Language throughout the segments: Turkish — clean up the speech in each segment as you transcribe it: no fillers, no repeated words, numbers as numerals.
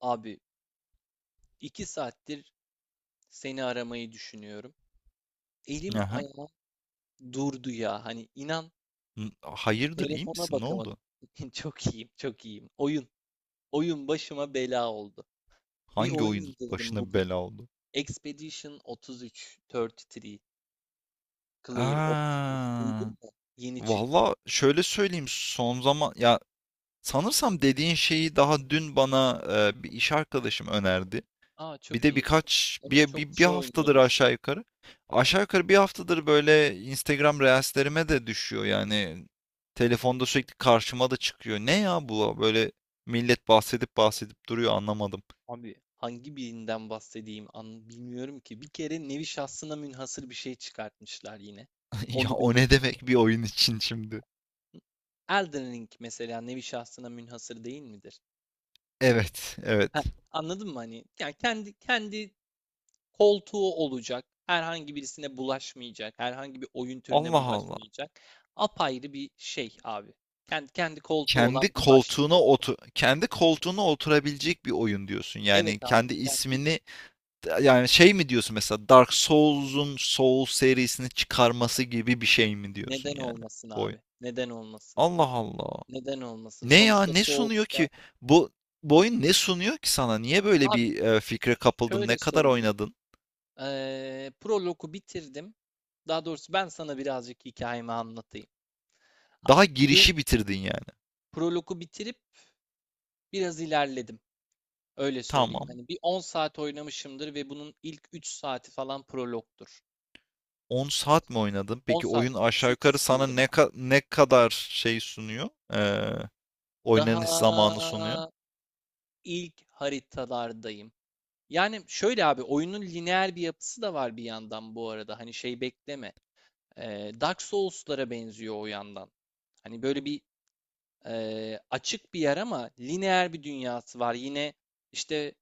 Abi 2 saattir seni aramayı düşünüyorum. Elim Aha. ayağım durdu ya. Hani inan Hayırdır, iyi telefona misin? Ne bakamadım. oldu? Çok iyiyim, çok iyiyim. Oyun başıma bela oldu. Bir Hangi oyun oyun indirdim başına bugün. bela oldu? Expedition 33, 33, Clear Ops. Aa, Duydun mu? Yeni çıktı. valla şöyle söyleyeyim son zaman ya sanırsam dediğin şeyi daha dün bana bir iş arkadaşım önerdi. Aa Bir çok de iyi. birkaç Evet bir, çok bir, bir kişi haftadır oynuyordur şu aşağı yukarı. Aşağı yukarı bir haftadır böyle Instagram Reels'lerime de düşüyor yani. Telefonda sürekli karşıma da çıkıyor. Ne ya bu böyle millet bahsedip bahsedip duruyor anlamadım. an. Abi hangi birinden bahsedeyim an bilmiyorum ki. Bir kere nevi şahsına münhasır bir şey çıkartmışlar yine. Ya Onu o ne belirteyim. demek bir oyun için şimdi? Elden Ring mesela nevi şahsına münhasır değil midir? Evet, Heh, evet. anladın mı hani? Yani kendi koltuğu olacak. Herhangi birisine bulaşmayacak. Herhangi bir oyun türüne Allah Allah. bulaşmayacak. Apayrı bir şey abi. Kendi koltuğu olan bir başyapıt. Kendi koltuğuna oturabilecek bir oyun diyorsun. Yani Evet abi, kendi ismini Yani şey mi diyorsun mesela Dark Souls'un Soul serisini çıkarması gibi bir şey mi diyorsun neden yani olmasın bu oyun? abi? Neden olmasın? Allah Allah. Neden olmasın? Ne ya Sonuçta ne sunuyor Souls'ta ki? Bu, Bu oyun ne sunuyor ki sana? Niye böyle abi bir fikre kapıldın? Ne şöyle kadar söyleyeyim. oynadın? Prolog'u bitirdim. Daha doğrusu ben sana birazcık hikayemi anlatayım. Daha Abi game, girişi bitirdin yani. Prologu bitirip biraz ilerledim. Öyle söyleyeyim. Tamam. Hani bir 10 saat oynamışımdır ve bunun ilk 3 saati falan prologtur. 10 saat mi oynadın? 10 Peki saat oyun değil, aşağı yukarı 8 sana diyelim abi. Ne kadar şey sunuyor? Ee, Daha oynanış zamanı sunuyor. ilk haritalardayım. Yani şöyle abi oyunun lineer bir yapısı da var bir yandan bu arada. Hani şey bekleme. Dark Souls'lara benziyor o yandan. Hani böyle bir açık bir yer ama lineer bir dünyası var. Yine işte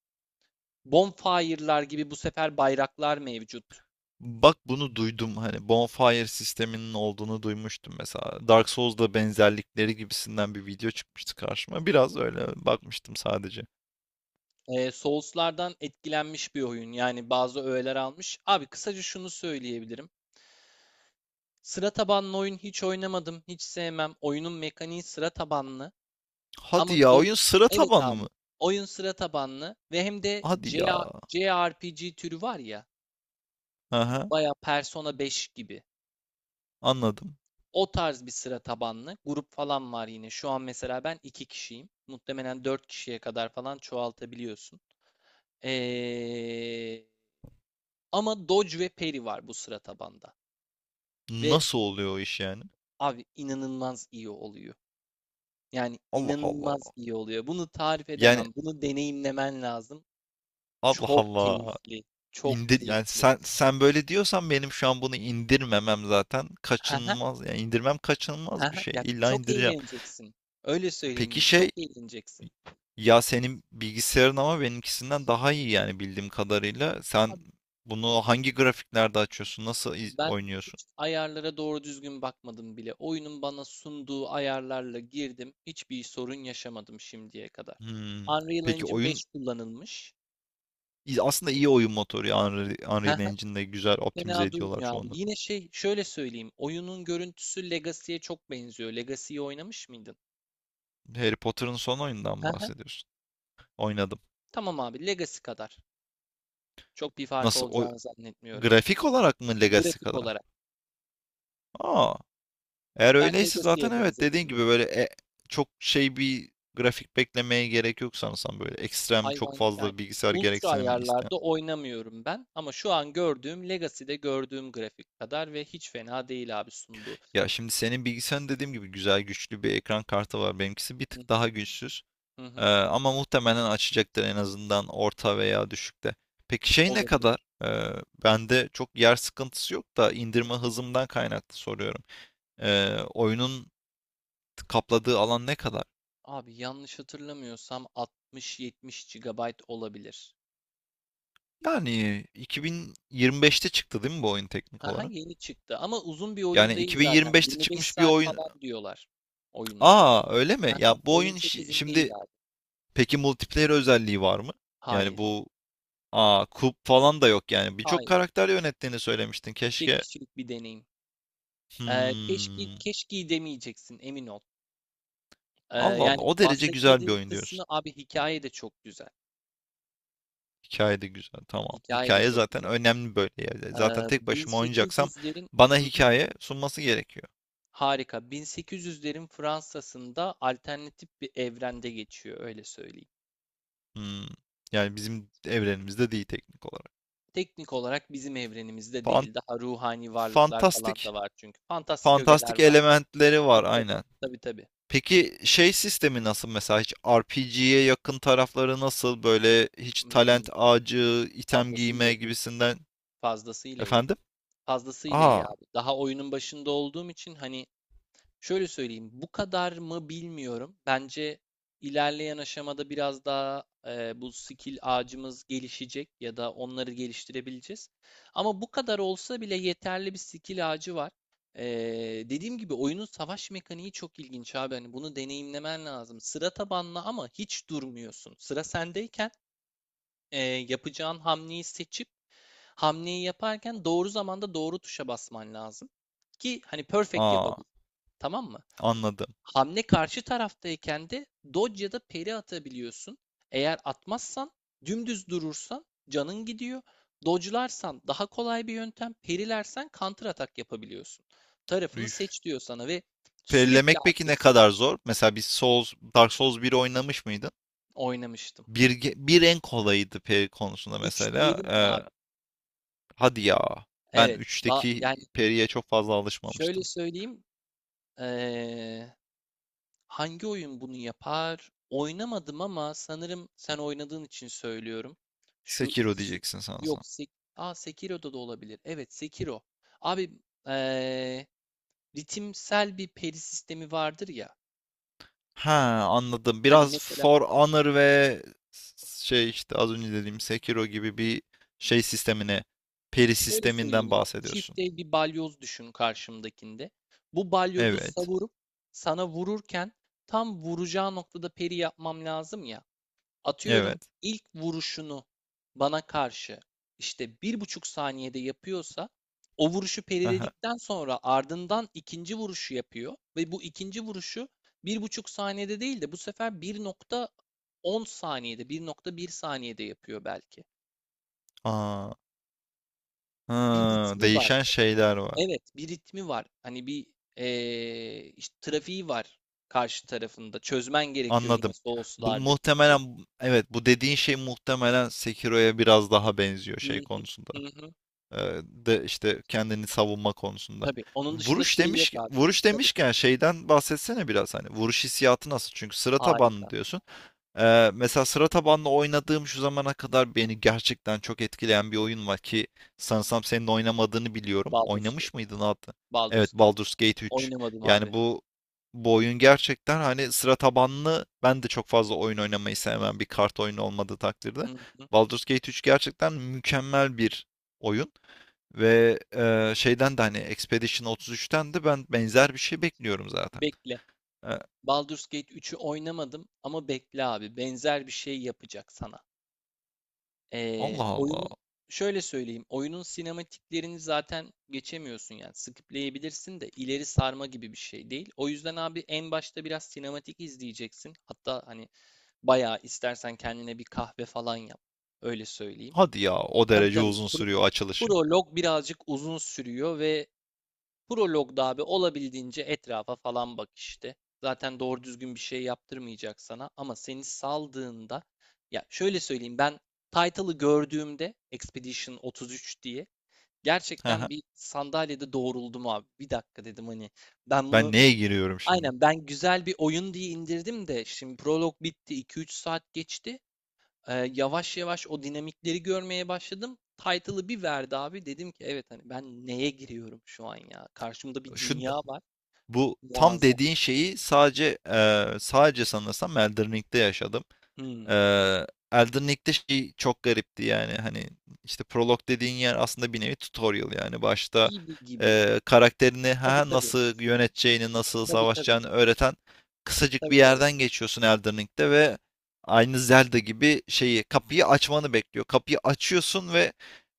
bonfire'lar gibi bu sefer bayraklar mevcut. Bak bunu duydum hani Bonfire sisteminin olduğunu duymuştum mesela. Dark Souls'da benzerlikleri gibisinden bir video çıkmıştı karşıma. Biraz öyle bakmıştım sadece. Souls'lardan etkilenmiş bir oyun. Yani bazı öğeler almış. Abi kısaca şunu söyleyebilirim. Sıra tabanlı oyun hiç oynamadım, hiç sevmem. Oyunun mekaniği sıra tabanlı. Hadi Ama ya, Dodge, oyun sıra evet tabanlı abi. mı? Oyun sıra tabanlı ve hem de Hadi ya. CA JRPG türü var ya, Aha, baya Persona 5 gibi. anladım. O tarz bir sıra tabanlı. Grup falan var yine. Şu an mesela ben 2 kişiyim. Muhtemelen 4 kişiye kadar falan çoğaltabiliyorsun. Eee, ama Dodge ve Peri var bu sıra tabanda. Ve Nasıl oluyor o iş yani? abi inanılmaz iyi oluyor. Yani Allah Allah. inanılmaz iyi oluyor. Bunu tarif Yani edemem. Bunu deneyimlemen lazım. Allah Çok Allah. keyifli. Çok İndir yani, keyifli. sen böyle diyorsan benim şu an bunu indirmemem zaten Haha, kaçınılmaz. Yani indirmem kaçınılmaz bir haha. şey. Ya İlla çok indireceğim. eğleneceksin. Öyle Peki söyleyeyim. Çok şey, eğleneceksin. ya senin bilgisayarın ama benimkisinden daha iyi yani bildiğim kadarıyla. Sen Abi, bunu hangi grafiklerde açıyorsun? Ben Oynuyorsun? hiç ayarlara doğru düzgün bakmadım bile. Oyunun bana sunduğu ayarlarla girdim. Hiçbir sorun yaşamadım şimdiye kadar. Hmm. Unreal Peki Engine oyun 5 kullanılmış. Aslında iyi oyun motoru ya. Unreal Engine'de güzel optimize Fena ediyorlar durmuyor abi. çoğunlukla. Yine şey şöyle söyleyeyim. Oyunun görüntüsü Legacy'ye çok benziyor. Legacy'yi oynamış mıydın? Harry Potter'ın son oyundan Hı mı hı. bahsediyorsun? Oynadım. Tamam abi Legacy kadar. Çok bir farkı Nasıl? O, olacağını zannetmiyorum. grafik olarak mı Legacy Grafik kadar? olarak. Aa. Eğer Ben öyleyse zaten Legacy'ye evet dediğin benzettim. gibi böyle çok şey bir grafik beklemeye gerek yok sanırsam, böyle ekstrem çok Hayvan yani fazla bilgisayar ultra gereksinimi isteyen. ayarlarda oynamıyorum ben ama şu an gördüğüm Legacy'de gördüğüm grafik kadar ve hiç fena değil abi sunduğu. Ya şimdi senin bilgisayarın dediğim gibi güzel güçlü bir ekran kartı var. Benimkisi bir Hı tık daha güçsüz. hı hı. Ama muhtemelen açacaktır en azından orta veya düşükte. Peki şey ne Olabilir. kadar? Bende çok yer sıkıntısı yok da indirme hızımdan kaynaklı soruyorum. Oyunun kapladığı alan ne kadar? Abi yanlış hatırlamıyorsam 60-70 GB olabilir. Yani 2025'te çıktı değil mi bu oyun teknik Haha, olarak? yeni çıktı ama uzun bir oyun Yani değil zaten. 2025'te 25 çıkmış bir saat oyun. falan diyorlar oyuna. Aa öyle mi? Ya Haha, bu oyun oyun çok uzun değil şimdi abi. peki multiplayer özelliği var mı? Yani Hayır, bu, aa, kup falan da yok yani. Birçok hayır. karakter yönettiğini söylemiştin. Tek Keşke. kişilik bir deneyim. Keşke Hmm. keşke demeyeceksin emin ol. Allah Allah. Yani O derece güzel bir bahsetmediğim oyun kısmı diyorsun. abi hikaye de çok güzel. Hikaye de güzel. Tamam. Hikaye de Hikaye çok zaten güzel. önemli böyle yerde. Zaten Ee, tek başıma oynayacaksam 1800'lerin. bana Hı hı, hikaye sunması gerekiyor. harika. 1800'lerin Fransa'sında alternatif bir evrende geçiyor öyle söyleyeyim. Hmm. Yani bizim evrenimizde değil teknik olarak. Teknik olarak bizim evrenimizde Fan- değil. Daha ruhani varlıklar falan fantastik. da var çünkü. Fantastik ögeler Fantastik var. elementleri var Tabii tabii. aynen. Tabii tabii. Peki şey sistemi nasıl mesela, hiç RPG'ye yakın tarafları nasıl, böyle hiç Hmm, talent ağacı, item fazlasıyla giyme iyi. gibisinden Fazlasıyla iyi. efendim? Fazlasıyla iyi Aa, abi. Daha oyunun başında olduğum için hani. Şöyle söyleyeyim, bu kadar mı bilmiyorum. Bence ilerleyen aşamada biraz daha bu skill ağacımız gelişecek ya da onları geliştirebileceğiz. Ama bu kadar olsa bile yeterli bir skill ağacı var. E, dediğim gibi oyunun savaş mekaniği çok ilginç abi. Hani bunu deneyimlemen lazım. Sıra tabanlı ama hiç durmuyorsun. Sıra sendeyken yapacağın hamleyi seçip hamleyi yaparken doğru zamanda doğru tuşa basman lazım ki hani perfect aa, yapabil. Tamam mı? anladım. Hamle karşı taraftayken de dodge ya da peri atabiliyorsun. Eğer atmazsan dümdüz durursan canın gidiyor. Dodge'larsan daha kolay bir yöntem. Parry'lersen counter atak yapabiliyorsun. Tarafını Üf. seç diyor sana ve sürekli Perilemek peki ne aktifsin. kadar zor? Mesela bir Souls, Dark Souls biri oynamış mıydın? Oynamıştım. Bir en kolayıydı peri konusunda 3 mesela. diyelim mi abi? Hadi ya. Ben Evet. Üçteki Yani periye çok fazla şöyle alışmamıştım. söyleyeyim. Ee, Hangi oyun bunu yapar? Oynamadım ama sanırım sen oynadığın için söylüyorum. Şu Sekiro ikisi diyeceksin yok. sanırsam. Aa, Sekiro'da da olabilir. Evet, Sekiro. Abi eee, ritimsel bir peri sistemi vardır ya. Ha, anladım. Hani Biraz mesela For Honor ve az önce dediğim Sekiro gibi bir şey sistemine, peri şöyle sisteminden söyleyeyim abi. Çift bahsediyorsun. el bir balyoz düşün karşımdakinde. Bu balyozu Evet. savurup sana vururken tam vuracağı noktada peri yapmam lazım ya. Atıyorum Evet. ilk vuruşunu bana karşı işte 1,5 saniyede yapıyorsa o vuruşu Aha. periledikten sonra ardından ikinci vuruşu yapıyor ve bu ikinci vuruşu 1,5 saniyede değil de bu sefer 1,10 saniyede 1,1 saniyede yapıyor belki. Aa, Bir ha, ritmi var. değişen şeyler var. Evet, bir ritmi var. Hani bir işte trafiği var karşı tarafında. Çözmen gerekiyor yine Anladım. Bu Souls'lardaki gibi. muhtemelen, evet, bu dediğin şey muhtemelen Sekiro'ya biraz daha benziyor Hı şey hı, konusunda. hı hı. De işte kendini savunma konusunda. Tabii. Onun dışında şey yok abi. Vuruş Tabii. demişken şeyden bahsetsene biraz, hani vuruş hissiyatı nasıl? Çünkü sıra Harika. tabanlı diyorsun. Mesela sıra tabanlı oynadığım şu zamana kadar beni gerçekten çok etkileyen bir oyun var ki sanırsam senin oynamadığını biliyorum. Baldur's Gate. Oynamış mıydın hatta? Evet, Baldur's Gate. Baldur's Gate 3. Oynamadım Yani abi. Bu oyun gerçekten, hani sıra tabanlı, ben de çok fazla oyun oynamayı Hı sevmem bir kart oyunu olmadığı hı takdirde. hı hı. Baldur's Gate 3 gerçekten mükemmel bir oyun ve şeyden de hani Expedition 33'ten de ben benzer bir şey bekliyorum zaten. Bekle. E, Baldur's Gate 3'ü oynamadım ama bekle abi. Benzer bir şey yapacak sana. Allah Allah. Oyunun şöyle söyleyeyim. Oyunun sinematiklerini zaten geçemiyorsun yani. Skipleyebilirsin de ileri sarma gibi bir şey değil. O yüzden abi en başta biraz sinematik izleyeceksin. Hatta hani bayağı istersen kendine bir kahve falan yap. Öyle söyleyeyim. Hadi ya, o Tabii derece tabii. uzun sürüyor açılışı. Prolog birazcık uzun sürüyor ve Prolog'da abi olabildiğince etrafa falan bak işte. Zaten doğru düzgün bir şey yaptırmayacak sana ama seni saldığında ya şöyle söyleyeyim ben title'ı gördüğümde Expedition 33 diye Hı hı. gerçekten bir sandalyede doğruldum abi. Bir dakika dedim hani ben Ben bunu neye giriyorum şimdi? aynen ben güzel bir oyun diye indirdim de şimdi prolog bitti 2-3 saat geçti. Yavaş yavaş o dinamikleri görmeye başladım. Title'ı bir verdi abi. Dedim ki evet hani ben neye giriyorum şu an ya? Karşımda bir Şu dünya var. bu tam Muazzam. dediğin şeyi sadece sadece sanırsam Elden Ring'de yaşadım. Hmm. Elden Ring'de şey çok garipti yani, hani işte prolog dediğin yer aslında bir nevi tutorial, yani başta Gibi gibi. Karakterini Tabii ha tabii. nasıl yöneteceğini, nasıl Tabii tabii. savaşacağını öğreten kısacık Tabii bir tabii. yerden geçiyorsun Elden Ring'de ve aynı Zelda gibi şeyi, kapıyı açmanı bekliyor. Kapıyı açıyorsun ve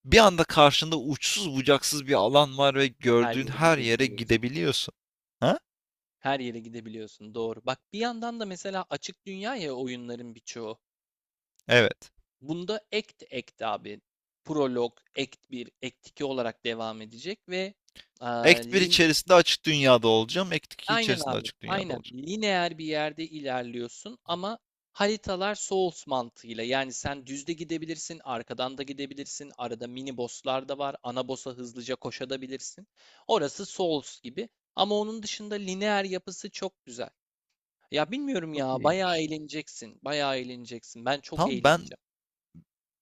bir anda karşında uçsuz bucaksız bir alan var ve Ve her gördüğün yere her yere gidebiliyorsun. gidebiliyorsun. Ha? Her yere gidebiliyorsun. Doğru. Bak bir yandan da mesela açık dünya ya oyunların birçoğu. Evet. Bunda act abi. Prolog, act 1 act 2 olarak devam edecek ve aa, Act 1 lin içerisinde açık dünyada olacağım. Act 2 Aynen içerisinde abi. açık dünyada Aynen. olacağım. Lineer bir yerde ilerliyorsun ama haritalar Souls mantığıyla. Yani sen düzde gidebilirsin, arkadan da gidebilirsin. Arada mini bosslar da var. Ana boss'a hızlıca koşabilirsin. Orası Souls gibi. Ama onun dışında lineer yapısı çok güzel. Ya bilmiyorum Çok ya. Bayağı iyiymiş. eğleneceksin. Bayağı eğleneceksin. Ben çok Tamam, ben eğleneceğim.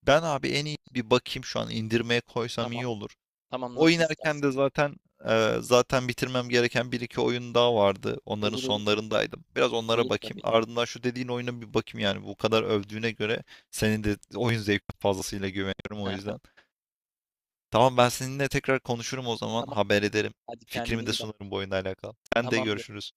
ben abi en iyi bir bakayım, şu an indirmeye koysam Tamam. iyi olur. Tamam nasıl Oynarken istersen. de zaten zaten bitirmem gereken bir iki oyun daha vardı. Onların Olur olur. sonlarındaydım. Biraz onlara Olur bakayım. tabii. Ardından şu dediğin oyuna bir bakayım yani. Bu kadar övdüğüne göre senin de oyun zevkine fazlasıyla güveniyorum o yüzden. Tamam, ben seninle tekrar konuşurum o zaman. Tamam. Haber ederim. Hadi kendine Fikrimi de iyi bak. sunarım bu oyunla alakalı. Sen de Tamamdır. görüşürüz.